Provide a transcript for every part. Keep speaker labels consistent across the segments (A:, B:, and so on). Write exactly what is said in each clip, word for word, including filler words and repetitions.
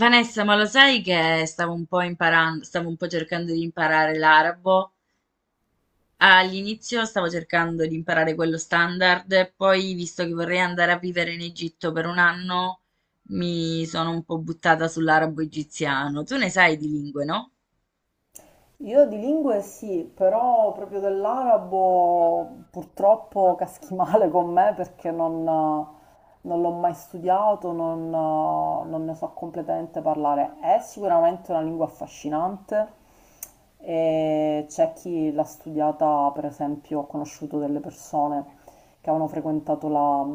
A: Vanessa, ma lo sai che stavo un po' imparando, stavo un po' cercando di imparare l'arabo. All'inizio stavo cercando di imparare quello standard, poi visto che vorrei andare a vivere in Egitto per un anno, mi sono un po' buttata sull'arabo egiziano. Tu ne sai di lingue, no?
B: Io di lingue sì, però proprio dell'arabo purtroppo caschi male con me perché non, non l'ho mai studiato, non, non ne so completamente parlare. È sicuramente una lingua affascinante e c'è chi l'ha studiata, per esempio, ho conosciuto delle persone che avevano frequentato la-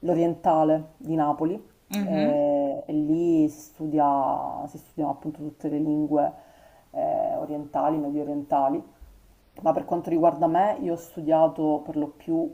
B: l'Orientale di Napoli
A: Mhm,
B: eh, e lì si studia, si studiano appunto tutte le lingue eh, orientali, medio orientali. Ma per quanto riguarda me, io ho studiato per lo più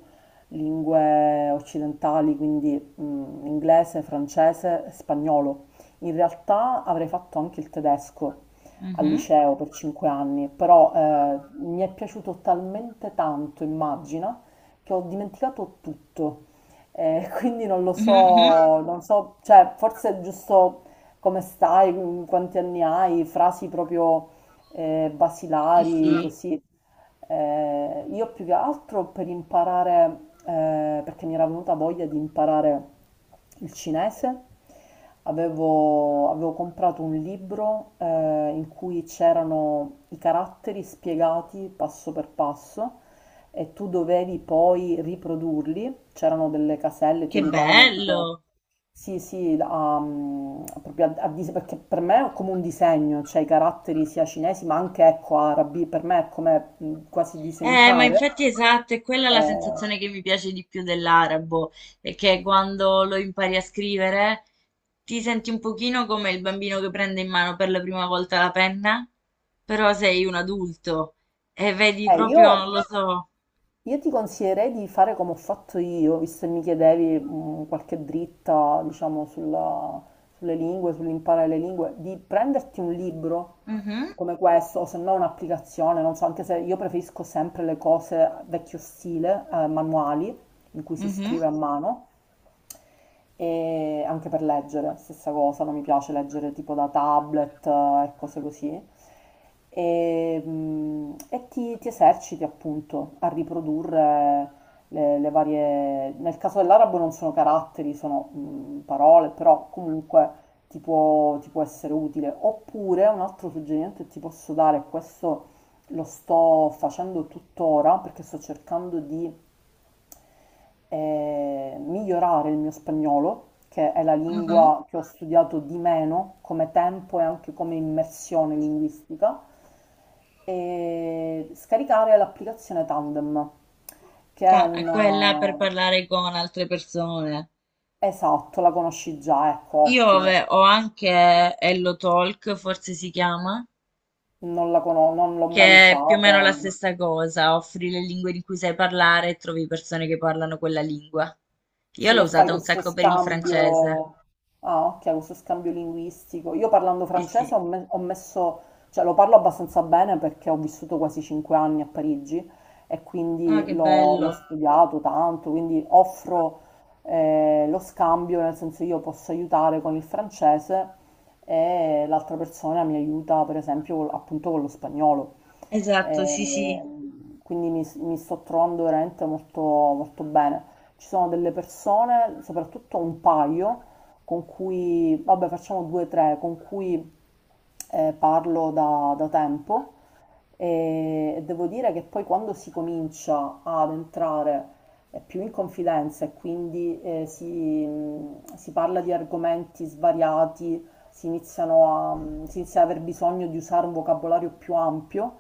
B: lingue occidentali, quindi mm, inglese, francese, spagnolo. In realtà avrei fatto anche il tedesco al
A: mhm,
B: liceo per cinque anni, però eh, mi è piaciuto talmente tanto, immagina, che ho dimenticato tutto. Eh, quindi non lo
A: mhm, mhm.
B: so, non so, cioè forse è giusto come stai, quanti anni hai, frasi proprio eh,
A: Sì,
B: basilari,
A: sì,
B: così. Eh, io più che altro per imparare, eh, perché mi era venuta voglia di imparare il cinese, avevo, avevo comprato un libro eh, in cui c'erano i caratteri spiegati passo per passo e tu dovevi poi riprodurli, c'erano delle caselle, ti
A: che
B: aiutavano tipo...
A: bello!
B: Sì, sì, la- um, proprio a, a dis- perché per me è come un disegno, cioè i caratteri sia cinesi ma anche ecco, arabi, per me è come mh, quasi
A: Eh, ma
B: disegnare.
A: infatti esatto, è quella la
B: Eh,
A: sensazione che mi piace di più dell'arabo, è che quando lo impari a scrivere ti senti un pochino come il bambino che prende in mano per la prima volta la penna, però sei un adulto e vedi
B: eh,
A: proprio, non
B: io
A: lo so.
B: Io ti consiglierei di fare come ho fatto io, visto che mi chiedevi mh, qualche dritta, diciamo, sulla- sulle lingue, sull'imparare le lingue, di prenderti un libro
A: Mhm,
B: come questo, o se no un'applicazione, non so, anche se io preferisco sempre le cose vecchio stile, eh, manuali, in cui si
A: mhm,
B: scrive a mano, e anche per leggere, stessa cosa, non mi piace leggere tipo da tablet eh, e cose così. E, mm, e ti, ti eserciti appunto a riprodurre le, le varie... Nel caso dell'arabo non sono caratteri, sono mm, parole, però comunque ti può, ti può essere utile. Oppure un altro suggerimento che ti posso dare, questo lo sto facendo tuttora perché sto cercando di e migliorare il mio spagnolo, che è la
A: mhm.
B: lingua che ho studiato di meno come tempo e anche come immersione linguistica, e scaricare l'applicazione Tandem, che è
A: Ta- è quella per
B: una...
A: parlare con altre persone.
B: Esatto, la conosci già, ecco,
A: Io ave-
B: ottimo.
A: ho anche Hello Talk, forse si chiama,
B: Non la conosco, non l'ho mai
A: che è più o meno la
B: usata.
A: stessa cosa, offri le lingue di cui sai parlare e trovi persone che parlano quella lingua. Io
B: Sì,
A: l'ho
B: e fai
A: usata un
B: questo
A: sacco per il francese.
B: scambio, ah, ok, questo scambio linguistico. Io parlando
A: Sì, sì.
B: francese ho, me- ho messo, cioè lo parlo abbastanza bene perché ho vissuto quasi cinque anni a Parigi e
A: Ah,
B: quindi
A: che
B: l'ho l'ho
A: bello.
B: studiato tanto, quindi offro eh, lo scambio, nel senso io posso aiutare con il francese e l'altra persona mi aiuta per esempio col- appunto con lo spagnolo.
A: Esatto, sì, sì.
B: Ehm, quindi mi, mi sto trovando veramente molto, molto bene. Ci sono delle persone, soprattutto un paio, con cui, vabbè, facciamo due o tre, con cui eh, parlo da, da tempo e, e devo dire che poi quando si comincia ad entrare eh, più in confidenza e quindi eh, si, mh, si parla di argomenti svariati, si iniziano a, si inizia ad aver bisogno di usare un vocabolario più ampio,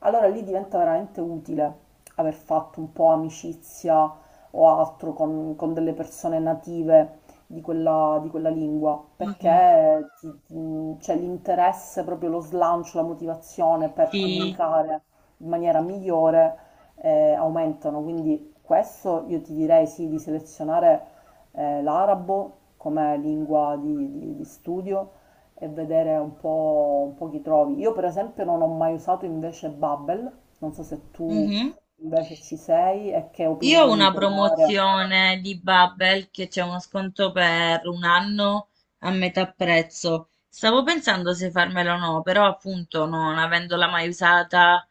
B: allora lì diventa veramente utile aver fatto un po' amicizia o altro con, con delle persone native di quella, di quella lingua,
A: Mhm.
B: perché ti- ti- c'è l'interesse, proprio lo slancio, la motivazione per
A: Sì.
B: comunicare in maniera migliore eh, aumentano. Quindi questo io ti direi sì di selezionare eh, l'arabo come lingua di, di- di studio e vedere un po', un po' chi trovi. Io per esempio non ho mai usato invece Bubble, non so se tu
A: Mhm.
B: invece ci sei e che
A: Io ho
B: opinione mi
A: una
B: puoi dare.
A: promozione di Babbel che c'è uno sconto per un anno a metà prezzo. Stavo pensando se farmela o no, però appunto non avendola mai usata,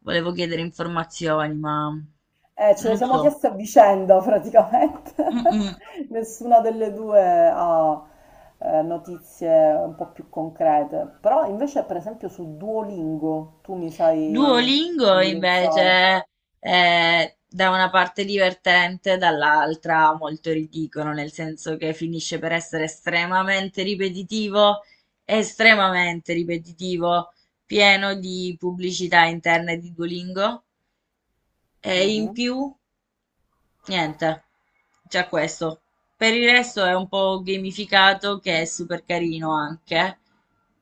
A: volevo chiedere informazioni, ma
B: Eh, ce le
A: non
B: siamo
A: so.
B: chieste a vicenda praticamente.
A: Mm-mm.
B: Nessuna delle due ha eh, notizie un po' più concrete. Però invece per esempio su Duolingo tu mi sai
A: Duolingo
B: indirizzare.
A: invece è da una parte divertente, dall'altra molto ridicolo, nel senso che finisce per essere estremamente ripetitivo, estremamente ripetitivo, pieno di pubblicità interne di Duolingo e in
B: Mhm.
A: più niente, già questo. Per il resto è un po' gamificato che è super carino anche.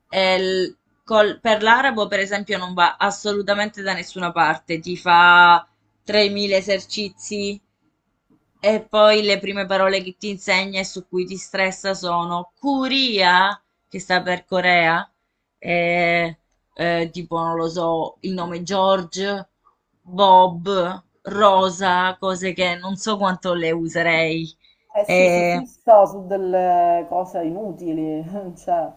A: E il- col- per l'arabo, per esempio, non va assolutamente da nessuna parte. Ti fa tremila esercizi e poi le prime parole che ti insegna e su cui ti stressa sono Curia, che sta per Corea, e eh, tipo, non lo so, il nome George, Bob, Rosa, cose che non so quanto le userei.
B: Eh sì, si
A: Eh,
B: fissa su delle cose inutili, cioè.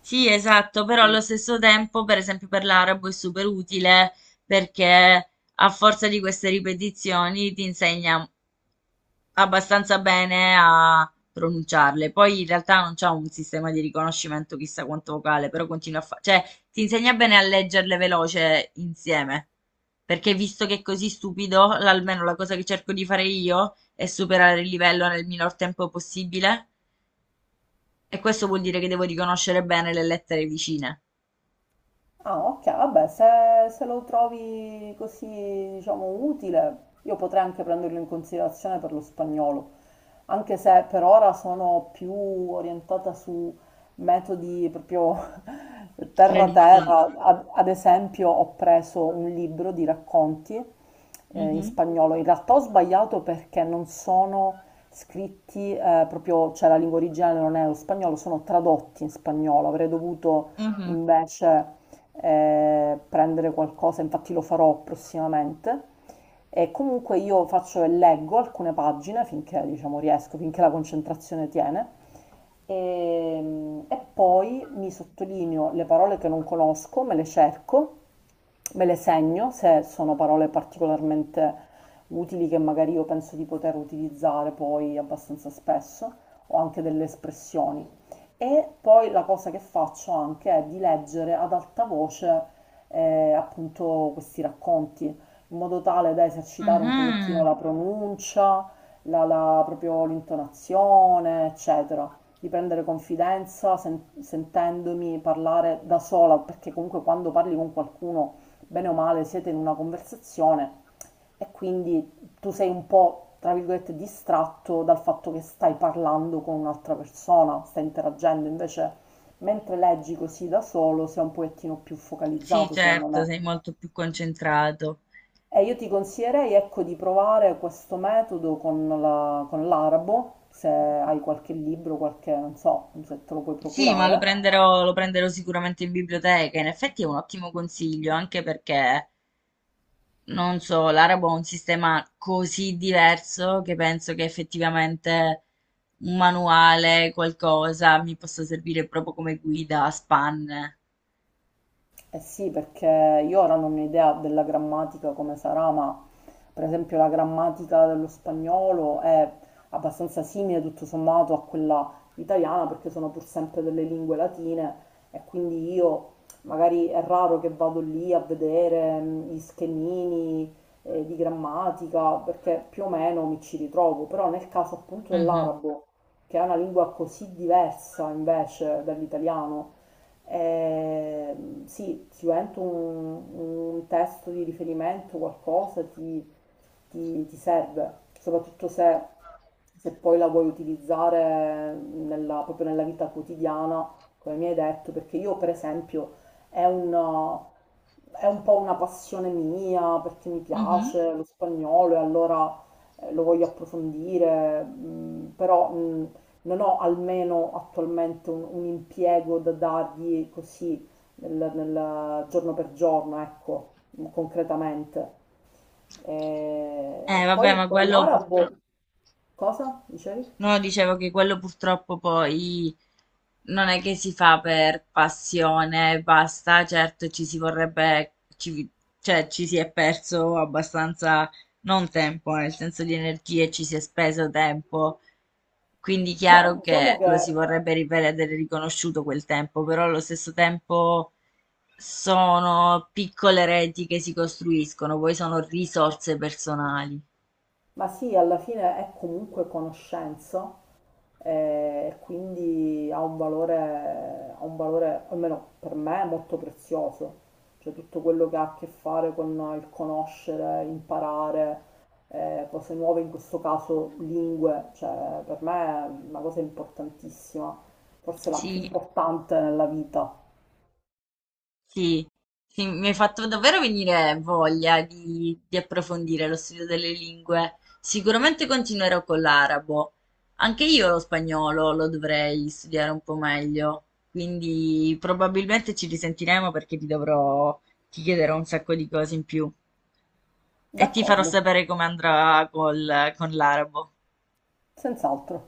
A: sì, esatto, però allo stesso tempo, per esempio, per l'arabo è super utile perché a forza di queste ripetizioni ti insegna abbastanza bene a pronunciarle. Poi in realtà non c'ha un sistema di riconoscimento chissà quanto vocale, però continua a fare, cioè ti insegna bene a leggerle veloce insieme. Perché visto che è così stupido, l- almeno la cosa che cerco di fare io è superare il livello nel minor tempo possibile. E questo vuol dire che devo riconoscere bene le lettere vicine.
B: Ah, ok, vabbè, se, se lo trovi così, diciamo, utile, io potrei anche prenderlo in considerazione per lo spagnolo, anche se per ora sono più orientata su metodi proprio
A: Tradizione.
B: terra-terra. Ad, ad esempio, ho preso un libro di racconti eh, in
A: Mhm.
B: spagnolo. In realtà ho sbagliato perché non sono scritti eh, proprio, cioè la lingua originale non è lo spagnolo, sono tradotti in spagnolo. Avrei dovuto
A: Mhm.
B: invece eh, prendere qualcosa, infatti lo farò prossimamente. E comunque io faccio e leggo alcune pagine finché diciamo riesco, finché la concentrazione tiene. E, e poi mi sottolineo le parole che non conosco, me le cerco me le segno se sono parole particolarmente utili che magari io penso di poter utilizzare poi abbastanza spesso o anche delle espressioni. E poi la cosa che faccio anche è di leggere ad alta voce eh, appunto questi racconti, in modo tale da esercitare un pochettino
A: Mhm.
B: la pronuncia, la, la- proprio l'intonazione, eccetera, di prendere confidenza sen- sentendomi parlare da sola, perché comunque quando parli con qualcuno bene o male siete in una conversazione e quindi tu sei un po', tra virgolette, distratto dal fatto che stai parlando con un'altra persona, stai interagendo, invece mentre leggi così da solo sei un pochettino più
A: Sì,
B: focalizzato, secondo
A: certo,
B: me.
A: sei molto più concentrato.
B: E io ti consiglierei, ecco, di provare questo metodo con la- con l'arabo, se hai qualche libro, qualche, non so, se te lo puoi
A: Sì, ma lo
B: procurare.
A: prenderò, lo prenderò sicuramente in biblioteca. In effetti è un ottimo consiglio, anche perché, non so, l'arabo ha un sistema così diverso che penso che effettivamente un manuale, qualcosa, mi possa servire proprio come guida a spanne.
B: Eh sì, perché io ora non ho idea della grammatica come sarà, ma per esempio la grammatica dello spagnolo è abbastanza simile tutto sommato a quella italiana, perché sono pur sempre delle lingue latine e quindi io magari è raro che vado lì a vedere mm, gli schemini eh, di grammatica, perché più o meno mi ci ritrovo, però nel caso appunto
A: Mhm,
B: dell'arabo, che è una lingua così diversa invece dall'italiano, eh, sì, sicuramente un, un testo di riferimento, qualcosa ti, ti- ti serve, soprattutto se, se poi la vuoi utilizzare nella- proprio nella vita quotidiana, come mi hai detto, perché io per esempio è un, è un po' una passione mia perché mi
A: mhm.
B: piace lo spagnolo e allora eh, lo voglio approfondire, mm, però mm, non ho almeno attualmente un, un impiego da dargli così nel, nel giorno per giorno, ecco, concretamente.
A: Eh,
B: E
A: vabbè,
B: poi
A: ma
B: con
A: quello
B: l'arabo,
A: purtroppo...
B: cosa dicevi?
A: No, dicevo che quello purtroppo poi non è che si fa per passione, e basta, certo ci si vorrebbe, ci, cioè ci si è perso abbastanza, non tempo, eh, nel senso di energie, ci si è speso tempo, quindi
B: Beh,
A: chiaro
B: diciamo
A: che lo si
B: che,
A: vorrebbe rivedere riconosciuto quel tempo, però allo stesso tempo sono piccole reti che si costruiscono, poi sono risorse personali.
B: ma sì, alla fine è comunque conoscenza e quindi ha un valore, ha un valore, almeno per me, molto prezioso. Cioè tutto quello che ha a che fare con il conoscere, imparare, eh, cose nuove, in questo caso lingue, cioè per me è una cosa importantissima, forse la più
A: Sì,
B: importante nella vita.
A: sì, sì, mi hai fatto davvero venire voglia di, di approfondire lo studio delle lingue. Sicuramente continuerò con l'arabo. Anche io lo spagnolo lo dovrei studiare un po' meglio, quindi probabilmente ci risentiremo perché ti dovrò, ti chiederò un sacco di cose in più e ti farò
B: D'accordo,
A: sapere come andrà col- con l'arabo.
B: senz'altro.